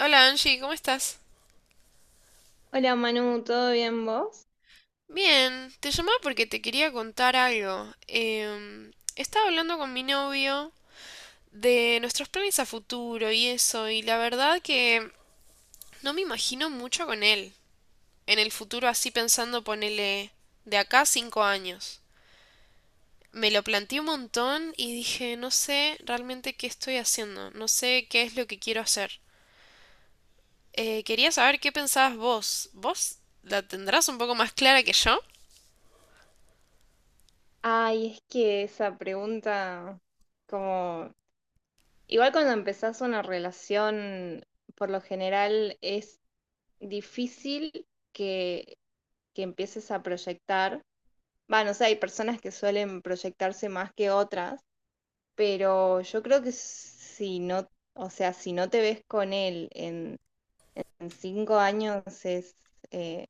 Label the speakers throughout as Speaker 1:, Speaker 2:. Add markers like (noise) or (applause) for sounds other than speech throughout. Speaker 1: Hola Angie, ¿cómo estás?
Speaker 2: Hola Manu, ¿todo bien vos?
Speaker 1: Bien, te llamaba porque te quería contar algo. Estaba hablando con mi novio de nuestros planes a futuro y eso, y la verdad que no me imagino mucho con él. En el futuro así pensando ponele de acá a 5 años. Me lo planteé un montón y dije, no sé realmente qué estoy haciendo, no sé qué es lo que quiero hacer. Quería saber qué pensabas vos. ¿Vos la tendrás un poco más clara que yo?
Speaker 2: Ay, es que esa pregunta, como, igual cuando empezás una relación, por lo general es difícil que, que empieces a proyectar. Bueno, o sea, hay personas que suelen proyectarse más que otras, pero yo creo que si no, o sea, si no te ves con él en 5 años eh,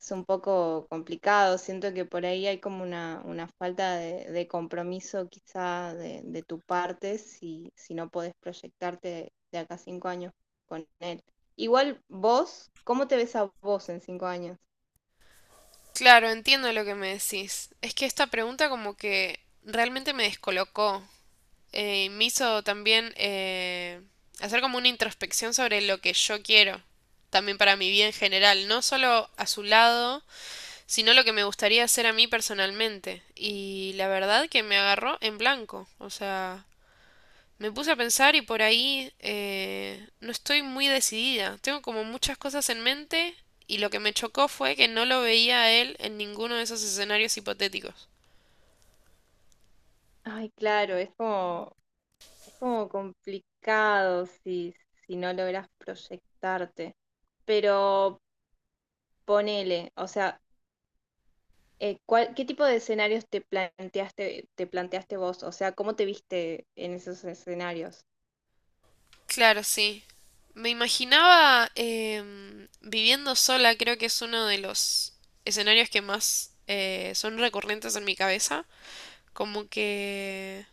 Speaker 2: es un poco complicado. Siento que por ahí hay como una falta de compromiso quizá de tu parte si, si no podés proyectarte de acá a 5 años con él. Igual vos, ¿cómo te ves a vos en 5 años?
Speaker 1: Claro, entiendo lo que me decís. Es que esta pregunta como que realmente me descolocó. Y me hizo también hacer como una introspección sobre lo que yo quiero, también para mi vida en general, no solo a su lado, sino lo que me gustaría hacer a mí personalmente. Y la verdad que me agarró en blanco. O sea, me puse a pensar y por ahí no estoy muy decidida. Tengo como muchas cosas en mente y lo que me chocó fue que no lo veía a él en ninguno de esos escenarios hipotéticos.
Speaker 2: Ay, claro, es como complicado si, si no logras proyectarte. Pero ponele, o sea, ¿cuál- qué tipo de escenarios te planteaste vos? O sea, ¿cómo te viste en esos escenarios?
Speaker 1: Claro, sí. Me imaginaba viviendo sola, creo que es uno de los escenarios que más son recurrentes en mi cabeza. Como que,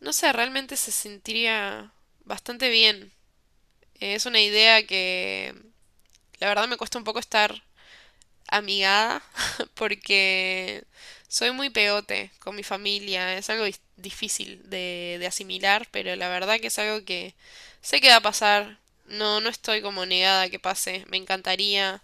Speaker 1: no sé, realmente se sentiría bastante bien. Es una idea que la verdad me cuesta un poco estar amigada (laughs) porque soy muy pegote con mi familia. Es algo difícil de asimilar, pero la verdad que es algo que sé que va a pasar. No, no estoy como negada a que pase. Me encantaría.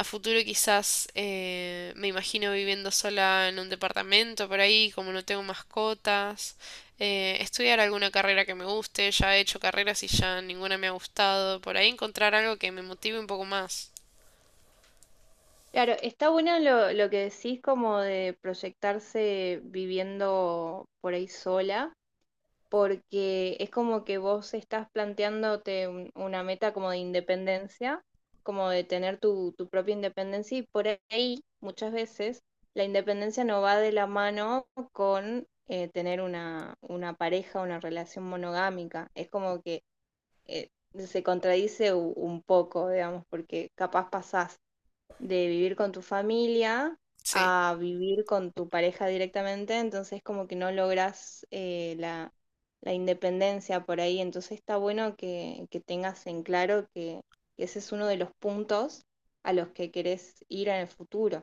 Speaker 1: A futuro quizás me imagino viviendo sola en un departamento por ahí, como no tengo mascotas. Estudiar alguna carrera que me guste. Ya he hecho carreras y ya ninguna me ha gustado. Por ahí encontrar algo que me motive un poco más.
Speaker 2: Claro, está bueno lo que decís como de proyectarse viviendo por ahí sola, porque es como que vos estás planteándote un- una meta como de independencia, como de tener tu, tu propia independencia y por ahí muchas veces la independencia no va de la mano con tener una pareja, una relación monogámica. Es como que eh, se contradice u- un poco, digamos, porque capaz pasás de vivir con tu familia
Speaker 1: Sí.
Speaker 2: a vivir con tu pareja directamente, entonces como que no logras la independencia por ahí, entonces está bueno que tengas en claro que ese es uno de los puntos a los que querés ir en el futuro.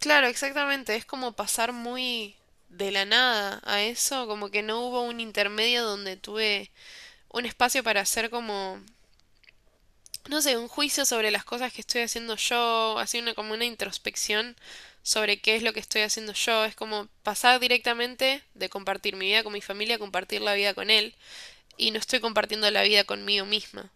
Speaker 1: Claro, exactamente. Es como pasar muy de la nada a eso, como que no hubo un intermedio donde tuve un espacio para hacer como, no sé, un juicio sobre las cosas que estoy haciendo yo, así una como una introspección sobre qué es lo que estoy haciendo yo. Es como pasar directamente de compartir mi vida con mi familia a compartir la vida con él, y no estoy compartiendo la vida conmigo misma.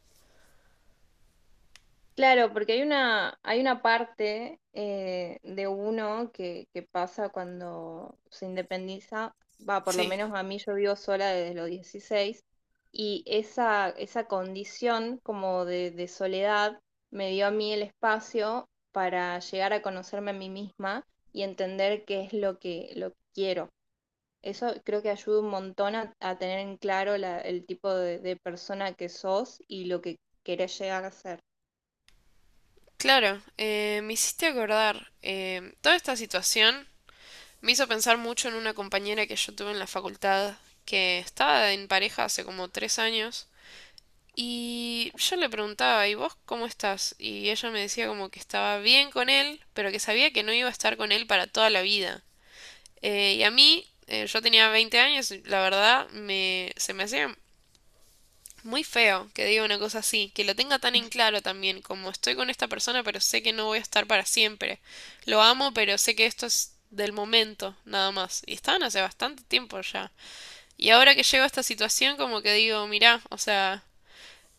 Speaker 2: Claro, porque hay una parte de uno que pasa cuando se independiza, va, por lo
Speaker 1: Sí.
Speaker 2: menos a mí yo vivo sola desde los 16 y esa condición como de soledad me dio a mí el espacio para llegar a conocerme a mí misma y entender qué es lo que quiero. Eso creo que ayuda un montón a tener en claro la- el tipo de persona que sos y lo que querés llegar a ser.
Speaker 1: Claro, me hiciste acordar, toda esta situación me hizo pensar mucho en una compañera que yo tuve en la facultad, que estaba en pareja hace como 3 años, y yo le preguntaba, ¿y vos cómo estás? Y ella me decía como que estaba bien con él, pero que sabía que no iba a estar con él para toda la vida. Y a mí, yo tenía 20 años, y la verdad, me, se me hacía muy feo que diga una cosa así, que lo tenga tan en claro también, como estoy con esta persona, pero sé que no voy a estar para siempre. Lo amo, pero sé que esto es del momento, nada más. Y estaban hace bastante tiempo ya. Y ahora que llego a esta situación, como que digo, mirá, o sea,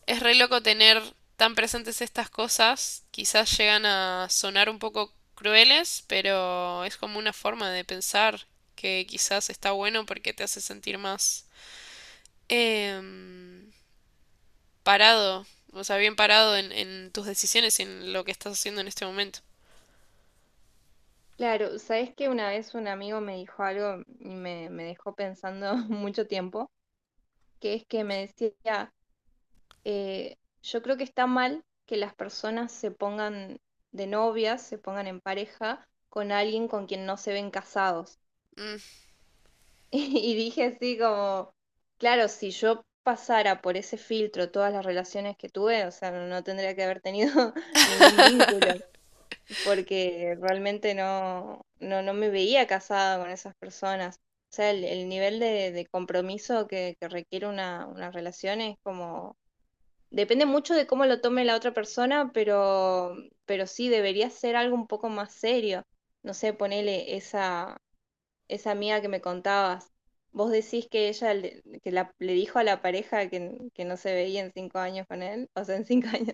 Speaker 1: es re loco tener tan presentes estas cosas. Quizás llegan a sonar un poco crueles, pero es como una forma de pensar que quizás está bueno porque te hace sentir más. Em, parado, o sea, bien parado en tus decisiones y en lo que estás haciendo en este momento.
Speaker 2: Claro, sabes que una vez un amigo me dijo algo y me dejó pensando (laughs) mucho tiempo, que es que me decía, eh, yo creo que está mal que las personas se pongan de novias, se pongan en pareja con alguien con quien no se ven casados.
Speaker 1: Mm.
Speaker 2: (laughs) Y dije así como, claro, si yo pasara por ese filtro todas las relaciones que tuve, o sea, no tendría que haber tenido (laughs) ningún vínculo,
Speaker 1: (laughs)
Speaker 2: porque realmente no, no, no me veía casada con esas personas. O sea, el nivel de compromiso que requiere una relación es como... Depende mucho de cómo lo tome la otra persona, pero sí debería ser algo un poco más serio. No sé, ponele esa, esa amiga que me contabas. ¿Vos decís que ella le, que la, le dijo a la pareja que no se veía en 5 años con él? O sea, en 5 (laughs) años.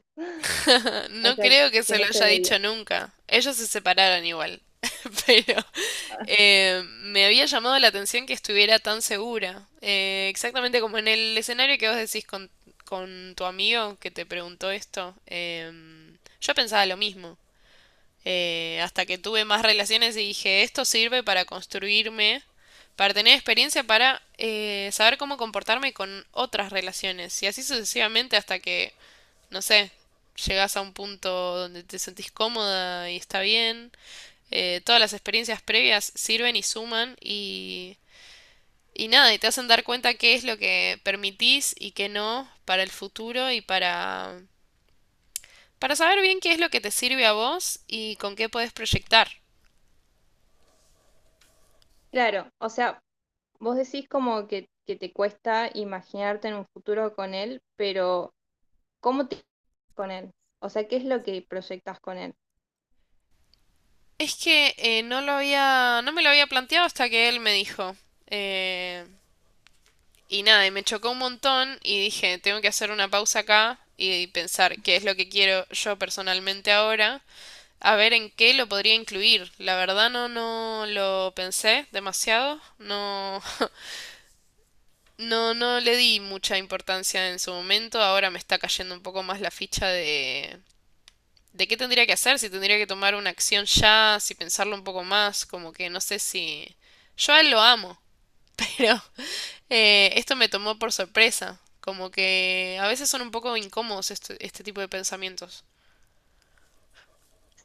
Speaker 2: O
Speaker 1: No
Speaker 2: sea,
Speaker 1: creo que
Speaker 2: que
Speaker 1: se lo
Speaker 2: no se
Speaker 1: haya
Speaker 2: veía.
Speaker 1: dicho nunca. Ellos se separaron igual. (laughs) Pero
Speaker 2: Ah.
Speaker 1: me había llamado la atención que estuviera tan segura. Exactamente como en el escenario que vos decís con tu amigo que te preguntó esto. Yo pensaba lo mismo. Hasta que tuve más relaciones y dije, esto sirve para construirme, para tener experiencia, para saber cómo comportarme con otras relaciones. Y así sucesivamente hasta que, no sé, llegas a un punto donde te sentís cómoda y está bien. Todas las experiencias previas sirven y suman y nada, y te hacen dar cuenta qué es lo que permitís y qué no para el futuro y para saber bien qué es lo que te sirve a vos y con qué podés proyectar.
Speaker 2: Claro, o sea, vos decís como que te cuesta imaginarte en un futuro con él, pero ¿cómo te con él? O sea, ¿qué es lo que proyectas con él?
Speaker 1: Es que no lo había, no me lo había planteado hasta que él me dijo. Eh, y nada, y me chocó un montón y dije, tengo que hacer una pausa acá y pensar qué es lo que quiero yo personalmente ahora, a ver en qué lo podría incluir. La verdad no, no lo pensé demasiado, no, (laughs) no, no le di mucha importancia en su momento, ahora me está cayendo un poco más la ficha de qué tendría que hacer, si tendría que tomar una acción ya, si pensarlo un poco más, como que no sé si. Yo a él lo amo, (laughs) pero esto me tomó por sorpresa, como que a veces son un poco incómodos este tipo de pensamientos.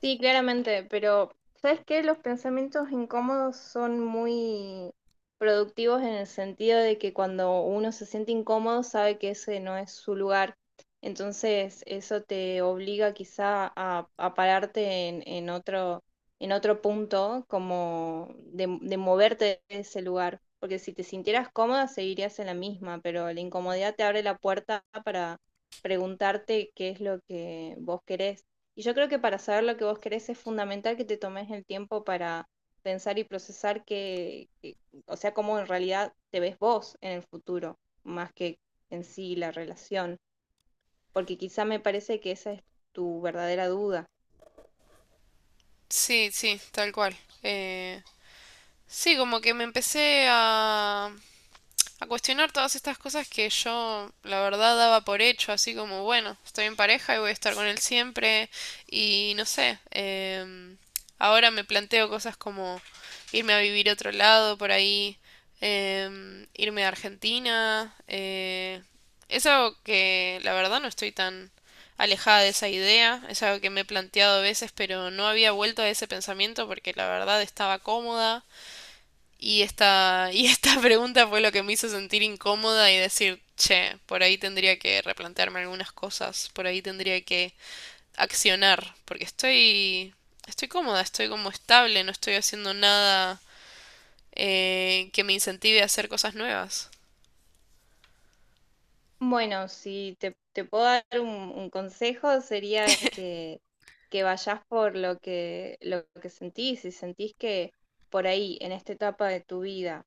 Speaker 2: Sí, claramente, pero ¿sabes qué? Los pensamientos incómodos son muy productivos en el sentido de que cuando uno se siente incómodo sabe que ese no es su lugar. Entonces, eso te obliga quizá a pararte en otro punto, como de moverte de ese lugar. Porque si te sintieras cómoda, seguirías en la misma, pero la incomodidad te abre la puerta para preguntarte qué es lo que vos querés. Y yo creo que para saber lo que vos querés es fundamental que te tomes el tiempo para pensar y procesar que- o sea, cómo en realidad te ves vos en el futuro, más que en sí la relación, porque quizá me parece que esa es tu verdadera duda.
Speaker 1: Sí, sí, tal cual. Eh, sí, como que me empecé a cuestionar todas estas cosas que yo, la verdad, daba por hecho, así como, bueno, estoy en pareja y voy a estar con él siempre, y no sé, ahora me planteo cosas como irme a vivir a otro lado por ahí, irme a Argentina, es algo que la verdad no estoy tan alejada de esa idea, es algo que me he planteado a veces, pero no había vuelto a ese pensamiento porque la verdad estaba cómoda y esta, (laughs) y esta pregunta fue lo que me hizo sentir incómoda y decir, che, por ahí tendría que replantearme algunas cosas, por ahí tendría que accionar, porque estoy, estoy cómoda, estoy como estable, no estoy haciendo nada que me incentive a hacer cosas nuevas.
Speaker 2: Bueno, si te, te puedo dar un consejo sería que vayas por lo que sentís, si sentís que por ahí, en esta etapa de tu vida,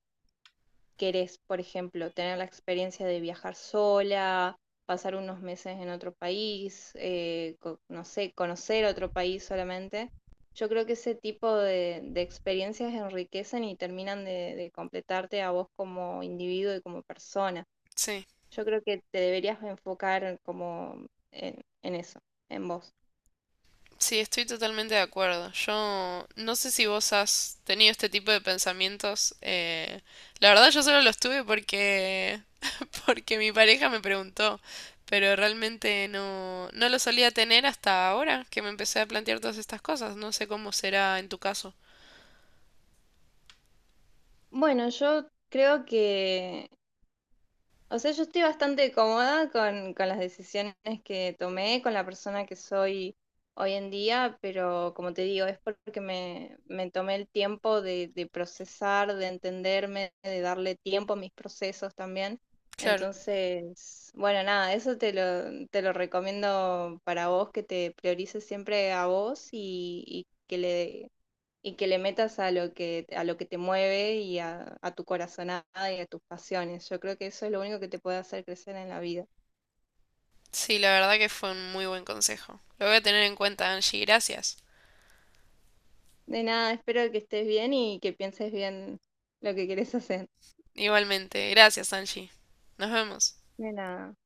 Speaker 2: querés, por ejemplo, tener la experiencia de viajar sola, pasar unos meses en otro país, co- no sé, conocer otro país solamente. Yo creo que ese tipo de experiencias enriquecen y terminan de completarte a vos como individuo y como persona.
Speaker 1: Sí.
Speaker 2: Yo creo que te deberías enfocar como en eso, en vos.
Speaker 1: Sí, estoy totalmente de acuerdo. Yo no sé si vos has tenido este tipo de pensamientos. La verdad yo solo los tuve porque (laughs) porque mi pareja me preguntó, pero realmente no no lo solía tener hasta ahora que me empecé a plantear todas estas cosas. No sé cómo será en tu caso.
Speaker 2: Bueno, yo creo que o sea, yo estoy bastante cómoda con las decisiones que tomé, con la persona que soy hoy en día, pero como te digo, es porque me tomé el tiempo de procesar, de entenderme, de darle tiempo a mis procesos también.
Speaker 1: Claro.
Speaker 2: Entonces, bueno, nada, eso te lo recomiendo para vos, que te priorices siempre a vos y que le metas a lo que te mueve y a tu corazonada y a tus pasiones. Yo creo que eso es lo único que te puede hacer crecer en la vida.
Speaker 1: Sí, la verdad que fue un muy buen consejo. Lo voy a tener en cuenta, Angie. Gracias.
Speaker 2: De nada, espero que estés bien y que pienses bien lo que quieres hacer.
Speaker 1: Igualmente. Gracias, Angie. Nos vemos.
Speaker 2: De nada.